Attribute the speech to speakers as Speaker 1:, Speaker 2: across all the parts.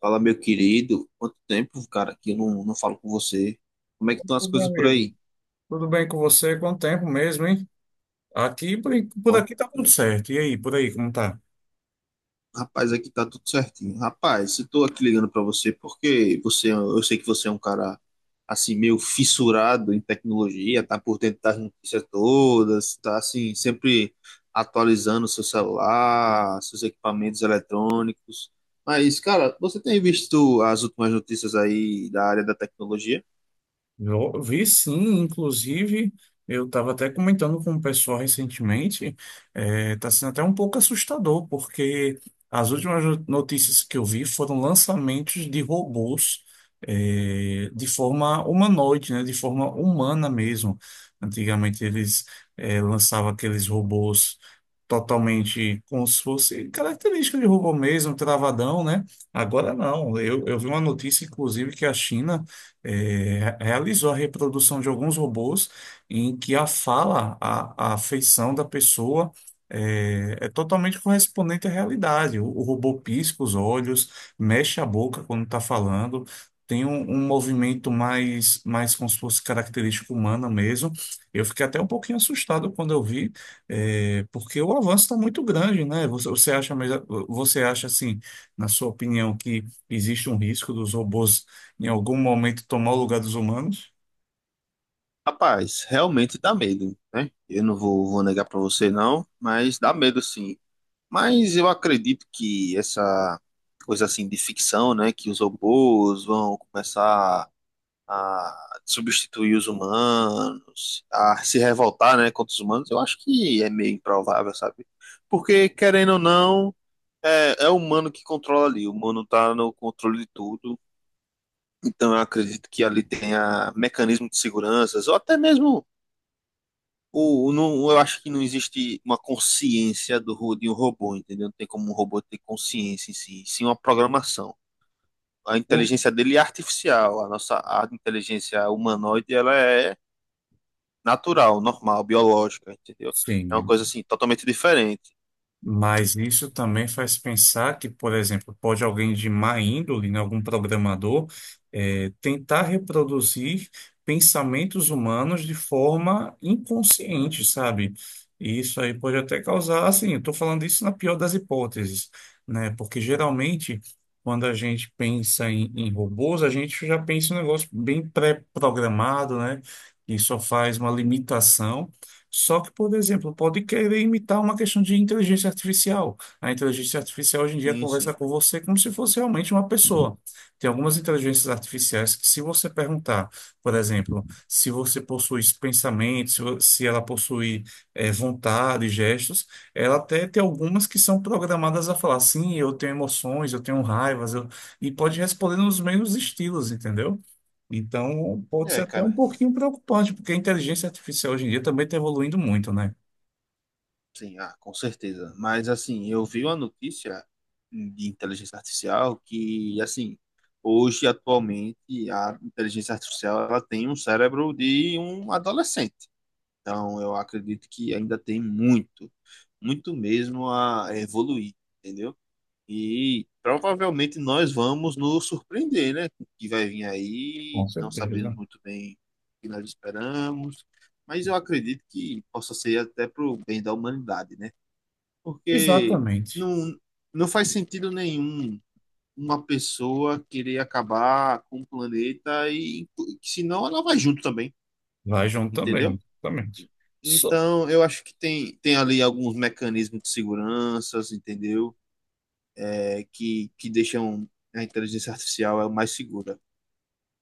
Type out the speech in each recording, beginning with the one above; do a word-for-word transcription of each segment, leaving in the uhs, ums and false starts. Speaker 1: Fala, meu querido, quanto tempo, cara, que eu não, não falo com você. Como é que estão as
Speaker 2: Ô, meu
Speaker 1: coisas por
Speaker 2: amigo,
Speaker 1: aí?
Speaker 2: tudo bem com você? Quanto tempo mesmo, hein? Aqui, por, por
Speaker 1: Quanto
Speaker 2: aqui tá tudo
Speaker 1: tempo?
Speaker 2: certo. E aí, por aí, como tá?
Speaker 1: Rapaz, aqui tá tudo certinho. Rapaz, eu tô aqui ligando pra você porque você, é um, eu sei que você é um cara assim meio fissurado em tecnologia, tá por dentro das notícias todas, tá assim sempre atualizando seu celular, seus equipamentos eletrônicos. Mas, cara, você tem visto as últimas notícias aí da área da tecnologia?
Speaker 2: Eu vi sim, inclusive, eu estava até comentando com o pessoal recentemente, é, tá sendo até um pouco assustador, porque as últimas no- notícias que eu vi foram lançamentos de robôs, é, de forma humanoide, né? De forma humana mesmo. Antigamente eles, é, lançavam aqueles robôs, totalmente como se fosse característica de robô mesmo, travadão, né? Agora não. Eu, eu vi uma notícia, inclusive, que a China eh, realizou a reprodução de alguns robôs em que a fala, a, a feição da pessoa, eh, é totalmente correspondente à realidade. O, o robô pisca os olhos, mexe a boca quando está falando. Tem um, um movimento mais, mais como se fosse característica humana mesmo. Eu fiquei até um pouquinho assustado quando eu vi, é, porque o avanço está muito grande, né? Você, você acha, melhor- você acha assim, na sua opinião, que existe um risco dos robôs em algum momento tomar o lugar dos humanos?
Speaker 1: Rapaz, realmente dá medo, né? Eu não vou, vou negar pra você não, mas dá medo sim. Mas eu acredito que essa coisa assim de ficção, né, que os robôs vão começar a substituir os humanos, a se revoltar, né, contra os humanos, eu acho que é meio improvável, sabe? Porque querendo ou não, é, é o humano que controla ali, o humano tá no controle de tudo. Então eu acredito que ali tenha mecanismo de seguranças ou até mesmo o, o não, eu acho que não existe uma consciência do, ro- de um robô, entendeu? Não tem como um robô ter consciência em si, sim uma programação. A
Speaker 2: Bom.
Speaker 1: inteligência dele é artificial, a nossa a inteligência humanoide ela é natural, normal, biológica, entendeu?
Speaker 2: Sim.
Speaker 1: É uma coisa assim totalmente diferente.
Speaker 2: Mas isso também faz pensar que, por exemplo, pode alguém de má índole, né, algum programador, eh, tentar reproduzir pensamentos humanos de forma inconsciente, sabe? E isso aí pode até causar, assim, eu estou falando isso na pior das hipóteses, né? Porque geralmente, quando a gente pensa em, em robôs, a gente já pensa em um negócio bem pré-programado, né? Que só faz uma limitação. Só que, por exemplo, pode querer imitar uma questão de inteligência artificial. A inteligência artificial hoje em dia
Speaker 1: Sim,
Speaker 2: conversa
Speaker 1: sim.
Speaker 2: com você como se fosse realmente uma pessoa. Tem algumas inteligências artificiais que, se você perguntar, por exemplo, se você possui pensamentos, se vo- se ela possui, eh, vontade, gestos, ela até tem algumas que são programadas a falar, sim, eu tenho emoções, eu tenho raivas, eu... e pode responder nos mesmos estilos, entendeu? Então, pode ser
Speaker 1: É,
Speaker 2: até um
Speaker 1: cara,
Speaker 2: pouquinho preocupante, porque a inteligência artificial hoje em dia também está evoluindo muito, né?
Speaker 1: sim, ah, com certeza. Mas assim, eu vi uma notícia de inteligência artificial que, assim, hoje atualmente a inteligência artificial ela tem um cérebro de um adolescente. Então, eu acredito que ainda tem muito, muito mesmo a evoluir, entendeu? E provavelmente nós vamos nos surpreender, né, com o que vai vir
Speaker 2: Com
Speaker 1: aí, não sabemos
Speaker 2: certeza.
Speaker 1: muito bem o que nós esperamos, mas eu acredito que possa ser até para o bem da humanidade, né? Porque
Speaker 2: Exatamente.
Speaker 1: não, não faz sentido nenhum uma pessoa querer acabar com o planeta e senão ela vai junto também,
Speaker 2: Vai junto também,
Speaker 1: entendeu?
Speaker 2: exatamente. Só.
Speaker 1: Então, eu acho que tem, tem ali alguns mecanismos de segurança, entendeu? É, que, que deixam a inteligência artificial é mais segura.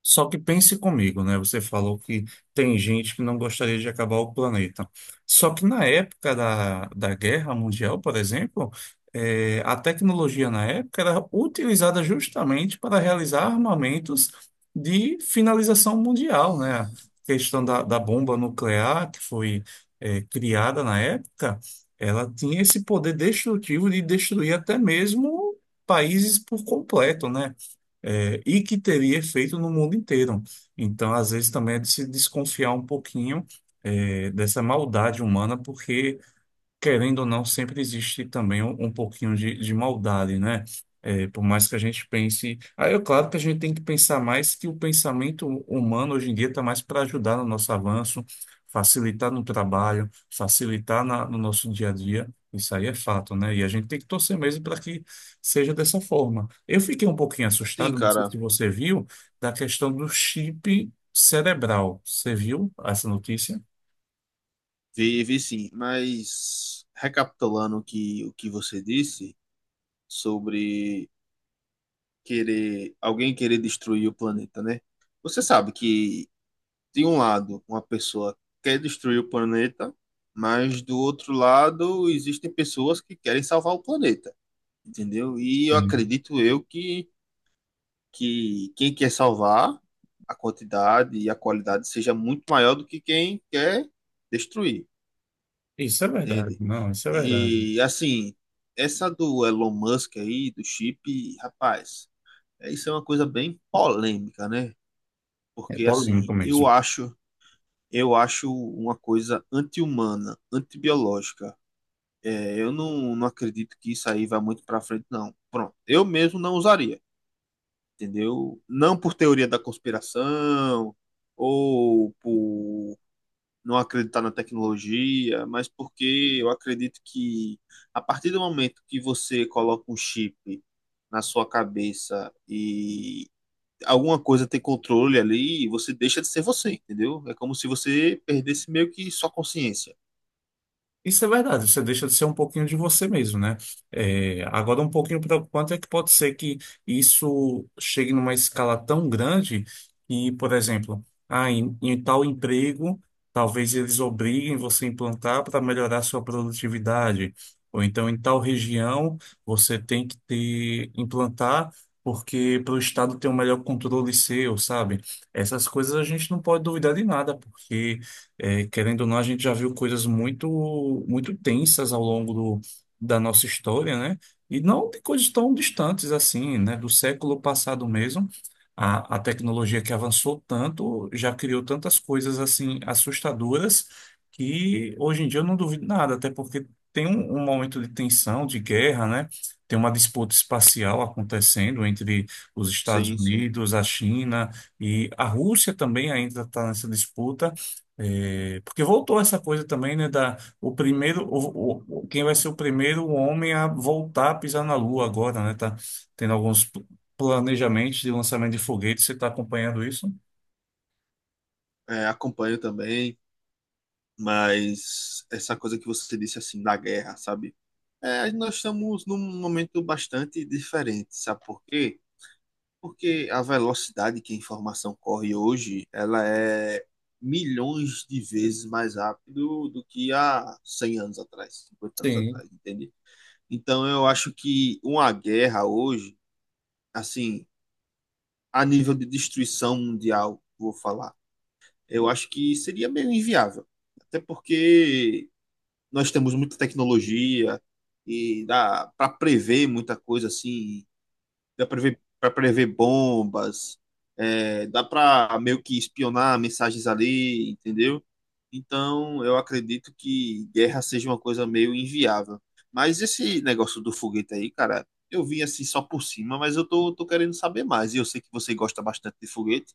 Speaker 2: Só que pense comigo, né? Você falou que tem gente que não gostaria de acabar o planeta. Só que na época da, da Guerra Mundial, por exemplo, eh, a tecnologia na época era utilizada justamente para realizar armamentos de finalização mundial, né? A questão da, da bomba nuclear, que foi, eh, criada na época, ela tinha esse poder destrutivo de destruir até mesmo países por completo, né? É, e que teria efeito no mundo inteiro. Então, às vezes, também é de se desconfiar um pouquinho, é, dessa maldade humana, porque querendo ou não, sempre existe também um, um pouquinho de, de maldade, né? É, por mais que a gente pense. Aí é claro que a gente tem que pensar mais que o pensamento humano hoje em dia está mais para ajudar no nosso avanço, facilitar no trabalho, facilitar na- no nosso dia a dia. Isso aí é fato, né? E a gente tem que torcer mesmo para que seja dessa forma. Eu fiquei um pouquinho
Speaker 1: Sim,
Speaker 2: assustado, não sei se
Speaker 1: cara,
Speaker 2: você viu, da questão do chip cerebral. Você viu essa notícia?
Speaker 1: vi, vi sim, mas recapitulando o que, o que você disse sobre querer alguém querer destruir o planeta, né? Você sabe que de um lado, uma pessoa quer destruir o planeta, mas do outro lado existem pessoas que querem salvar o planeta, entendeu? E eu
Speaker 2: Sim.
Speaker 1: acredito eu que, que quem quer salvar a quantidade e a qualidade seja muito maior do que quem quer destruir,
Speaker 2: Isso é verdade,
Speaker 1: entende?
Speaker 2: não, isso é verdade.
Speaker 1: E assim, essa do Elon Musk aí, do chip, rapaz, é isso é uma coisa bem polêmica, né?
Speaker 2: É
Speaker 1: Porque assim,
Speaker 2: polêmico
Speaker 1: eu
Speaker 2: mesmo.
Speaker 1: acho eu acho uma coisa anti-humana, antibiológica. É, eu não, não acredito que isso aí vá muito para frente, não. Pronto, eu mesmo não usaria, entendeu? Não por teoria da conspiração ou por não acreditar na tecnologia, mas porque eu acredito que a partir do momento que você coloca um chip na sua cabeça e alguma coisa ter controle ali, você deixa de ser você, entendeu? É como se você perdesse meio que sua consciência.
Speaker 2: Isso é verdade, você deixa de ser um pouquinho de você mesmo, né? É, agora, um pouquinho preocupante é que pode ser que isso chegue numa escala tão grande que, por exemplo, ah, em, em tal emprego, talvez eles obriguem você a implantar para melhorar sua produtividade. Ou então, em tal região, você tem que ter, implantar porque para o Estado ter um melhor controle seu, sabe? Essas coisas a gente não pode duvidar de nada, porque. É, querendo ou não, a gente já viu coisas muito, muito tensas ao longo do, da nossa história, né? E não de coisas tão distantes assim, né? Do século passado mesmo, a, a tecnologia que avançou tanto já criou tantas coisas assim assustadoras que hoje em dia eu não duvido nada, até porque tem um, um momento de tensão, de guerra, né? Tem uma disputa espacial acontecendo entre os Estados
Speaker 1: Sim, sim.
Speaker 2: Unidos, a China e a Rússia também ainda está nessa disputa. É, porque voltou essa coisa também, né, da o primeiro o, o- o- quem vai ser o primeiro homem a voltar a pisar na Lua agora, né? Tá tendo alguns pl- planejamentos de lançamento de foguetes, você está acompanhando isso?
Speaker 1: É, acompanho também, mas essa coisa que você disse assim da guerra, sabe? É, nós estamos num momento bastante diferente, sabe por quê? Porque a velocidade que a informação corre hoje, ela é milhões de vezes mais rápido do que há cem anos atrás, cinquenta anos
Speaker 2: Sim.
Speaker 1: atrás, entende? Então eu acho que uma guerra hoje assim, a nível de destruição mundial, vou falar, eu acho que seria meio inviável. Até porque nós temos muita tecnologia e dá para prever muita coisa assim, dá para prever, pra prever bombas, é, dá para meio que espionar mensagens ali, entendeu? Então, eu acredito que guerra seja uma coisa meio inviável. Mas esse negócio do foguete aí, cara, eu vi assim só por cima, mas eu tô, tô querendo saber mais. E eu sei que você gosta bastante de foguete.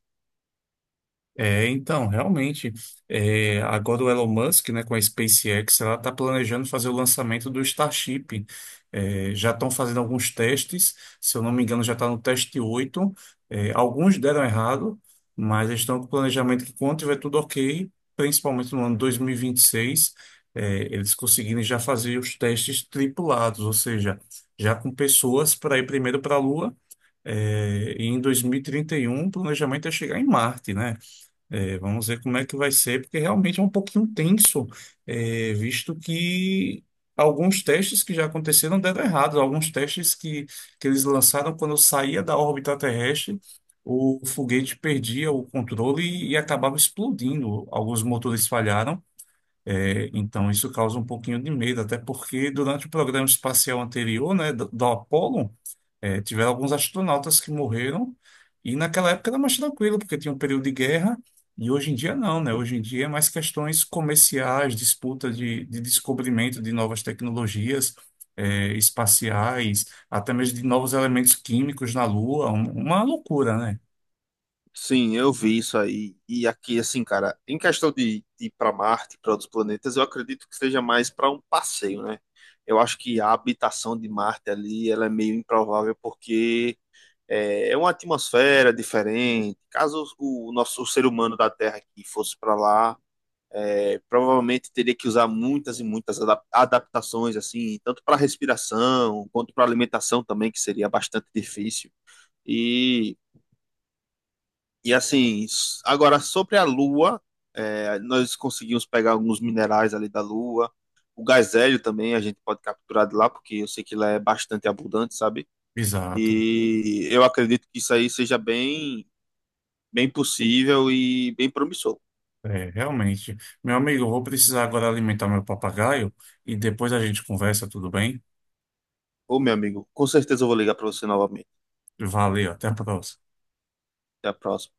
Speaker 2: É, então, realmente, é, agora o Elon Musk, né, com a SpaceX, ela está planejando fazer o lançamento do Starship. É, já estão fazendo alguns testes, se eu não me engano, já está no teste oito. É, alguns deram errado, mas eles estão com o planejamento que quando tiver tudo ok, principalmente no ano dois mil e vinte e seis, é, eles conseguirem já fazer os testes tripulados, ou seja, já com pessoas para ir primeiro para a Lua. É, e em dois mil e trinta e um, o planejamento é chegar em Marte, né? É, vamos ver como é que vai ser, porque realmente é um pouquinho tenso, é, visto que alguns testes que já aconteceram deram errado. Alguns testes que, que eles lançaram quando saía da órbita terrestre, o foguete perdia o controle e, e acabava explodindo. Alguns motores falharam, é, então isso causa um pouquinho de medo, até porque durante o programa espacial anterior, né, do, do Apollo, é, tiveram alguns astronautas que morreram, e naquela época era mais tranquilo, porque tinha um período de guerra, e hoje em dia não, né? Hoje em dia é mais questões comerciais, disputa de, de descobrimento de novas tecnologias, é, espaciais, até mesmo de novos elementos químicos na Lua, um- uma loucura, né?
Speaker 1: Sim, eu vi isso aí. E aqui, assim, cara, em questão de, de ir para Marte, para outros planetas, eu acredito que seja mais para um passeio, né? Eu acho que a habitação de Marte ali, ela é meio improvável porque é, é uma atmosfera diferente. Caso o, o nosso o ser humano da Terra aqui fosse para lá, é, provavelmente teria que usar muitas e muitas adap- adaptações, assim, tanto para respiração quanto para alimentação também, que seria bastante difícil. E e assim, s- agora sobre a Lua, é, nós conseguimos pegar alguns minerais ali da Lua. O gás hélio também a gente pode capturar de lá, porque eu sei que lá é bastante abundante, sabe?
Speaker 2: Exato.
Speaker 1: E eu acredito que isso aí seja bem, bem possível e bem promissor.
Speaker 2: É, realmente. Meu amigo, eu vou precisar agora alimentar meu papagaio e depois a gente conversa, tudo bem?
Speaker 1: Ô, meu amigo, com certeza eu vou ligar para você novamente.
Speaker 2: Valeu, até a próxima.
Speaker 1: Até a próxima.